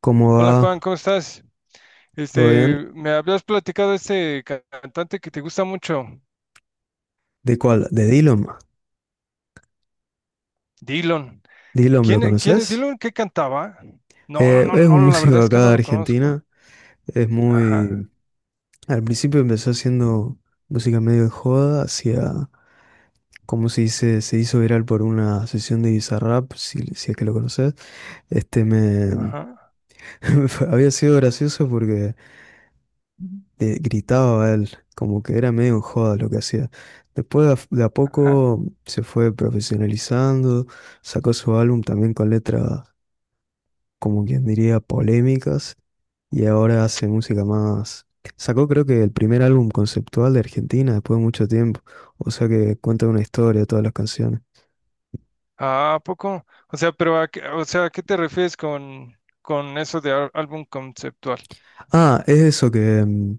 ¿Cómo Hola Juan, va? ¿cómo estás? ¿Todo bien? Me habías platicado de este cantante que te gusta mucho, ¿De cuál? ¿De Dillom? Dylan. ¿Dillom lo ¿Quién, quién es conoces? Dylan? ¿Qué cantaba? No, no, Es no, un la músico verdad es que acá no de lo conozco. Argentina. Es Ajá, muy... Al principio empezó haciendo música medio de joda, hacia... Como se dice, se hizo viral por una sesión de Bizarrap, si es que lo conoces. Este me... ajá, Había sido gracioso porque gritaba él, como que era medio en joda lo que hacía. Después de a ajá. poco se fue profesionalizando, sacó su álbum también con letras, como quien diría, polémicas, y ahora hace música más... Sacó, creo que, el primer álbum conceptual de Argentina después de mucho tiempo, o sea que cuenta una historia todas las canciones. Ah, ¿a poco? O sea, pero a qué, o sea, ¿a qué te refieres con eso de álbum conceptual? Ah, es eso que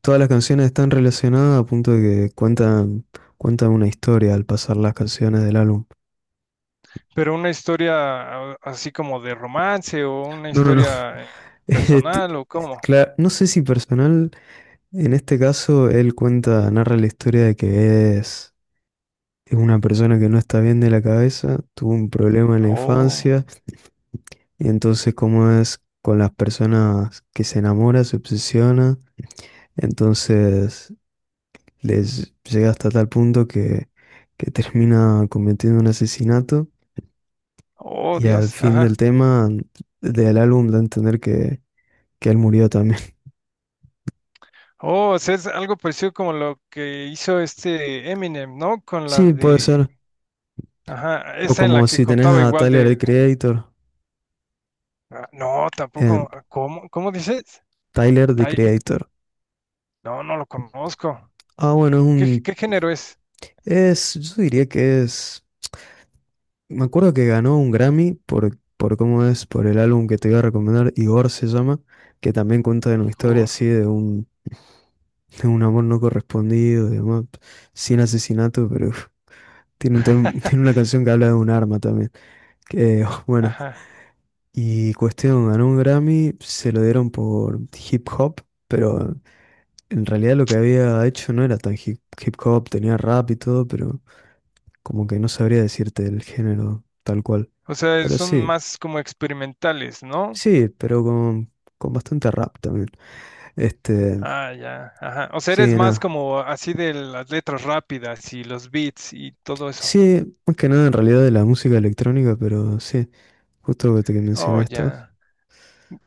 todas las canciones están relacionadas a punto de que cuentan una historia al pasar las canciones del álbum. ¿Pero una historia así como de romance o una No, no, no. historia Est- personal o cómo? No sé si personal, en este caso él cuenta, narra la historia de que es... Es una persona que no está bien de la cabeza, tuvo un problema en la Oh, infancia. Y entonces, como es con las personas que se enamora, se obsesiona, entonces les llega hasta tal punto que termina cometiendo un asesinato, oh, y al Dios. fin del tema del álbum da a entender que él murió también. Oh, o sea, es algo parecido como lo que hizo este Eminem, ¿no? Con la Sí, puede de, ser. ajá, O esa en como la que si tenés contaba a igual Tyler the de, Creator ah, no, en tampoco, ah, ¿cómo, cómo dices? Tyler the Tai- eh, Creator. No, no lo conozco. Ah, bueno, es ¿Qué, un... qué género es? Es, yo diría que es... Me acuerdo que ganó un Grammy por cómo es, por el álbum que te iba a recomendar, Igor se llama, que también cuenta de una historia Igor. así de un amor no correspondido, de amor sin asesinato, pero uf, tiene un tiene una canción que habla de un arma también. Que, bueno, Ajá. y cuestión, ganó un Grammy, se lo dieron por hip hop, pero en realidad lo que había hecho no era tan hip hop, tenía rap y todo, pero como que no sabría decirte el género tal cual. O sea, Pero son sí. más como experimentales, ¿no? Sí, pero con bastante rap también. Este, Ah, ya, ajá. O sea, eres sí, más nada. como así de las letras rápidas y los beats y todo eso. Sí, más que nada en realidad de la música electrónica, pero sí, justo que te que Oh, mencionaste. ya.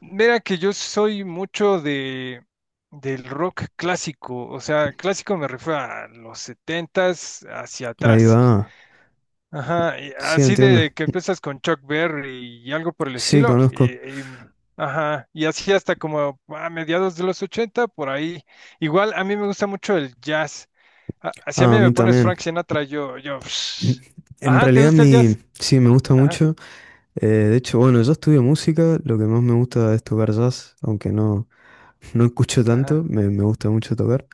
Mira que yo soy mucho de del rock clásico, o sea, clásico me refiero a los setentas hacia Ahí atrás. va. Ajá, y Sí, así entiendo. de que empiezas con Chuck Berry y algo por el Sí, estilo, conozco. Y, ajá, y así hasta como a mediados de los ochenta, por ahí. Igual a mí me gusta mucho el jazz. Así a Ah, mí a me mí pones también. Frank Sinatra, yo, N- En ajá, ¿te realidad gusta el mi, jazz? sí, me gusta Ajá, mucho. De hecho, bueno, yo estudio música, lo que más me gusta es tocar jazz, aunque no, no escucho tanto, ajá, me gusta mucho tocar.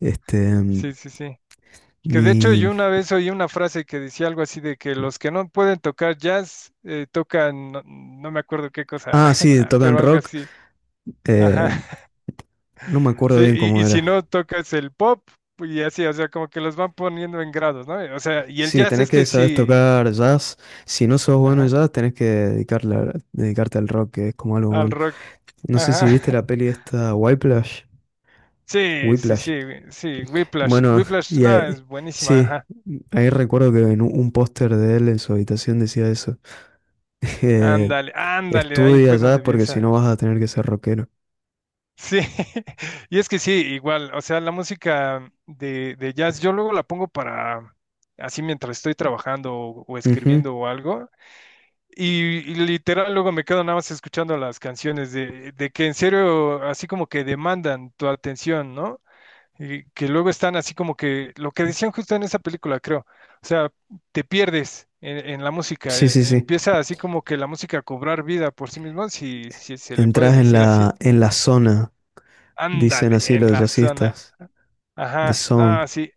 Este, mm, sí, sí, sí. Que de hecho mi... yo una vez oí una frase que decía algo así de que los que no pueden tocar jazz tocan, no, no me acuerdo qué cosa, Ah, sí, tocan pero algo rock. así. Ajá. Eh, no me acuerdo Sí, bien cómo y si era. no tocas el pop pues, y así, o sea, como que los van poniendo en grados, ¿no? O sea, y el Sí, jazz tenés es que que saber sí, tocar jazz. Si no sos bueno en ajá, jazz, tenés que dedicarle, dedicarte al rock, que es como algo al malo. rock. No sé si viste Ajá. la peli esta, Whiplash. Sí, sí, sí, Whiplash. Sí, Whiplash. Bueno, Whiplash, y no, ahí- es buenísima, sí, ajá. ahí recuerdo que en un póster de él en su habitación decía eso. Eh, Ándale, ándale, ahí Estudia fue jazz donde vi porque si no esa. vas a tener que ser rockero. Sí, y es que sí, igual, o sea, la música de jazz, yo luego la pongo para, así mientras estoy trabajando o Ujú. escribiendo o algo, y, y literal luego me quedo nada más escuchando las canciones de que en serio, así como que demandan tu atención, ¿no? Y que luego están así como que, lo que decían justo en esa película, creo, o sea, te pierdes en la música, Sí, sí, sí. empieza así como que la música a cobrar vida por sí misma, si, si se le puede Entras decir así. En la zona, dicen Ándale, así en los la zona. jazzistas. The Ajá, Zone. no, sí.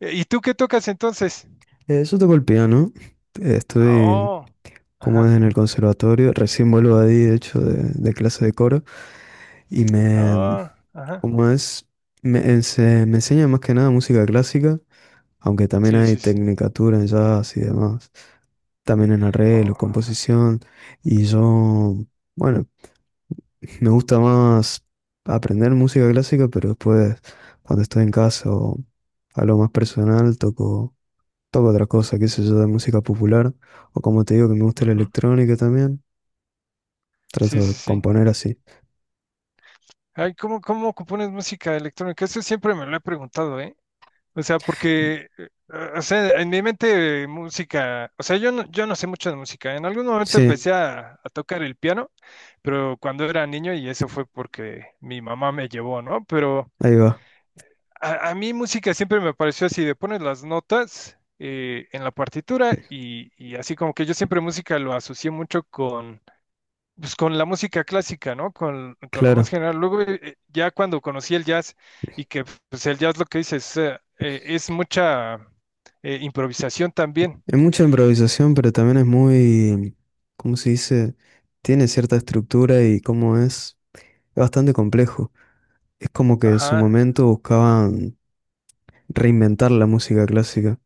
¿Y tú qué tocas entonces? Eso toco el piano. Estuve, Oh, como es, ajá, en el conservatorio. Recién vuelvo de ahí, de hecho, de clase de coro. Y me, oh, ajá. como es, me, me enseña más que nada música clásica, aunque también Sí, hay sí, sí. tecnicatura en jazz y demás. También en arreglo, Oh, composición. Y yo, bueno, me gusta más aprender música clásica, pero después, cuando estoy en casa o a lo más personal, toco otra cosa, qué sé yo, de música popular, o como te digo que me gusta la ujú. electrónica también, Sí, trato de sí, sí. componer así. Ay, ¿cómo, cómo compones música electrónica? Eso siempre me lo he preguntado, ¿eh? O sea, porque, o sea, en mi mente música, o sea, yo no, yo no sé mucho de música. En algún momento Sí, empecé a tocar el piano, pero cuando era niño y eso fue porque mi mamá me llevó, ¿no? Pero ahí va, A, a mí música siempre me pareció así, de pones las notas en la partitura y así como que yo siempre música lo asocié mucho con, pues, con la música clásica, ¿no? Con lo claro. más general. Luego ya cuando conocí el jazz y que pues el jazz lo que dice es mucha improvisación también. Es mucha improvisación, pero también es muy, ¿cómo se dice? Tiene cierta estructura y, como es bastante complejo. Es como que en su Ajá. momento buscaban reinventar la música clásica,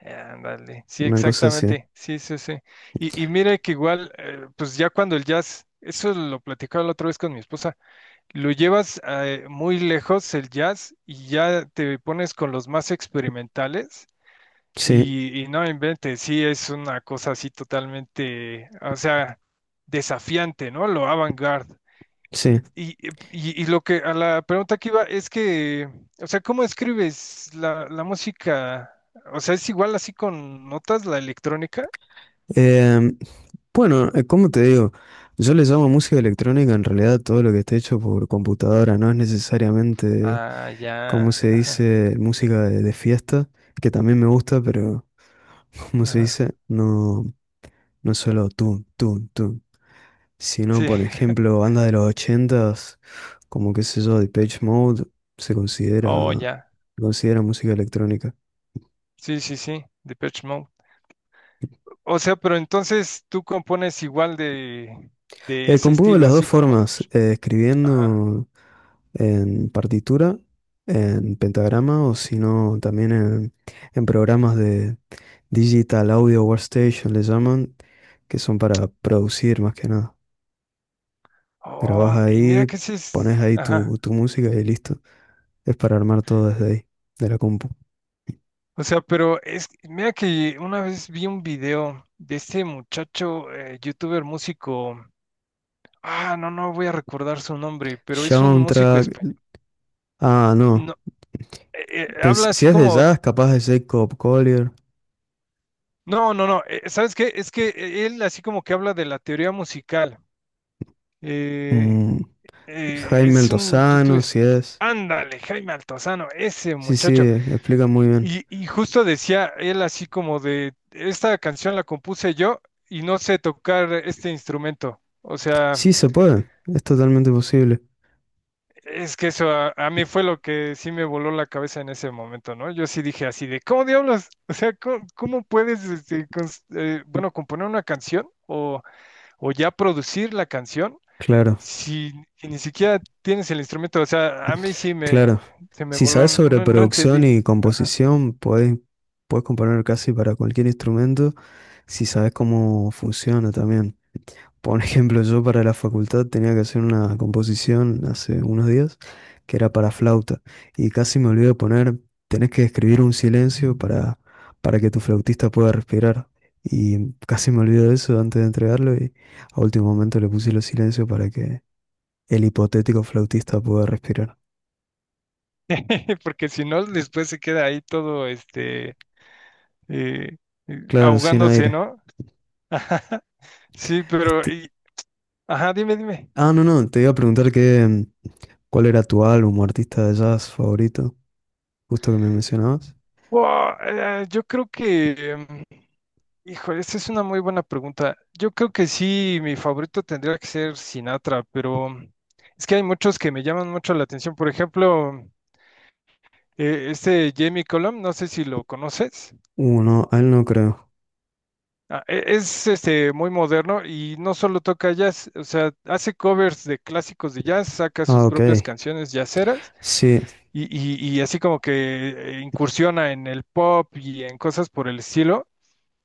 Ándale, sí, una cosa así. exactamente, sí, sí, sí. Y mire que igual, pues ya cuando el jazz, eso lo platicaba la otra vez con mi esposa, Lo llevas muy lejos el jazz y ya te pones con los más experimentales Sí, y no inventes, sí, es una cosa así totalmente, o sea, desafiante, ¿no? Lo avant-garde. sí. Y, y lo que a la pregunta que iba es que, o sea, ¿cómo escribes la, la música? O sea, ¿es igual así con notas la electrónica? Em, Bueno, como te digo, yo le llamo música electrónica en realidad a todo lo que esté hecho por computadora, no es necesariamente, Ah, ya, como se ajá, dice, música de fiesta, que también me gusta, pero como se ajá. dice, no, no solo tun, tun, tun, sino Sí, por ejemplo, bandas de los ochentas, como qué sé yo, Depeche Mode, se considera, oh, ya, se considera música electrónica. sí, sí, sí, Depeche Mode. O sea, pero entonces tú compones igual de ese Compongo de estilo, las dos así como de, formas, pues, ajá. escribiendo. En partitura, en pentagrama o si no también en programas de Digital Audio Workstation le llaman, que son para producir más que nada. Grabás Oh, y mira ahí, que ese pones es, ahí ajá. tu, tu música y listo. Es para armar todo desde ahí, de la compu. O sea, pero es, mira que una vez vi un video de este muchacho, youtuber músico, ah, no, no voy a recordar su nombre, pero es un músico Soundtrack, español. ah no, No, eh, habla si así es de como, jazz, capaz de Jacob Collier, no, no, no, ¿sabes qué? Es que él así como que habla de la teoría musical. Eh, mm, Jaime es un Altozano, youtuber. si es. Ándale, Jaime Altozano, ese Sí, sí, muchacho. explica muy bien. Y justo decía él así como de, esta canción la compuse yo y no sé tocar este instrumento. O sea, Sí, se puede, es totalmente posible. es que eso a mí fue lo que sí me voló la cabeza en ese momento, ¿no? Yo sí dije así de, ¿cómo diablos? O sea, ¿cómo, cómo puedes, este, bueno, componer una canción o ya producir la canción Claro. si, si ni siquiera tienes el instrumento, o sea, a mí sí me, Claro, se me si sabes voló, sobre no, no producción entendí, y composición, puedes, puedes componer casi para cualquier instrumento si sabes cómo funciona también. Por ejemplo, yo para la facultad tenía que hacer una composición hace unos días que era para flauta y casi me olvidé de poner, tenés que escribir un silencio para que tu flautista pueda respirar. Y casi me olvidé de eso antes de entregarlo y a último momento le puse los silencios para que el hipotético flautista pueda respirar. porque si no, después se queda ahí todo, este, eh, Claro, sin ahogándose, aire. ¿no? Sí, pero, ajá, dime, dime. Ah, no, no, te iba a preguntar qué, cuál era tu álbum o artista de jazz favorito, justo que me mencionabas. Wow, yo creo que, híjole, esta es una muy buena pregunta. Yo creo que sí, mi favorito tendría que ser Sinatra, pero es que hay muchos que me llaman mucho la atención. Por ejemplo, este Jamie Cullum, no sé si lo conoces. No, a él no creo. Ah, Es este muy moderno y no solo toca jazz, o sea, hace covers de clásicos de jazz, saca Ah, sus ok. propias canciones jazzeras Sí, y, y así como que incursiona en el pop y en cosas por el estilo.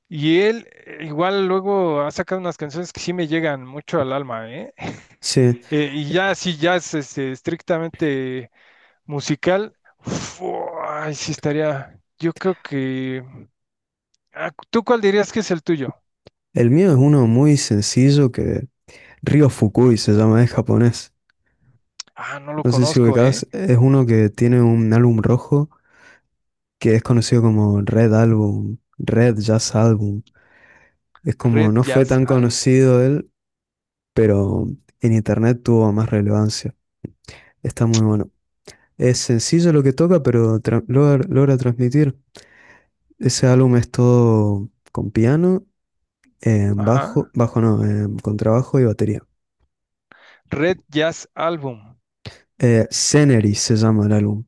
Y él igual luego ha sacado unas canciones que sí me llegan mucho al alma, ¿eh? sí. Y ya así jazz este, estrictamente musical, uf, ay, sí estaría, yo creo que... ah, ¿Tú cuál dirías que es el tuyo? El mío es uno muy sencillo que Ryo Fukui se llama, es japonés. Ah, no lo No sé si conozco, ¿eh? ubicás, es uno que tiene un álbum rojo que es conocido como Red Album, Red Jazz Album. Es como, Red no fue Jazz tan Album. conocido él, pero en internet tuvo más relevancia. Está muy bueno. Es sencillo lo que toca, pero logra transmitir. Ese álbum es todo con piano, bajo, Ajá. bajo no, contrabajo y batería. Red Jazz Album. Scenery se llama el álbum.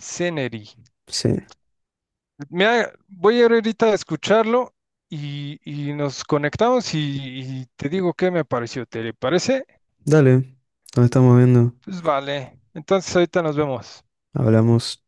Scenery. Sí. Mira, voy a ir ahorita a escucharlo y nos conectamos y te digo qué me pareció. ¿Te parece? Dale, nos estamos viendo. Pues vale. Entonces ahorita nos vemos. Hablamos.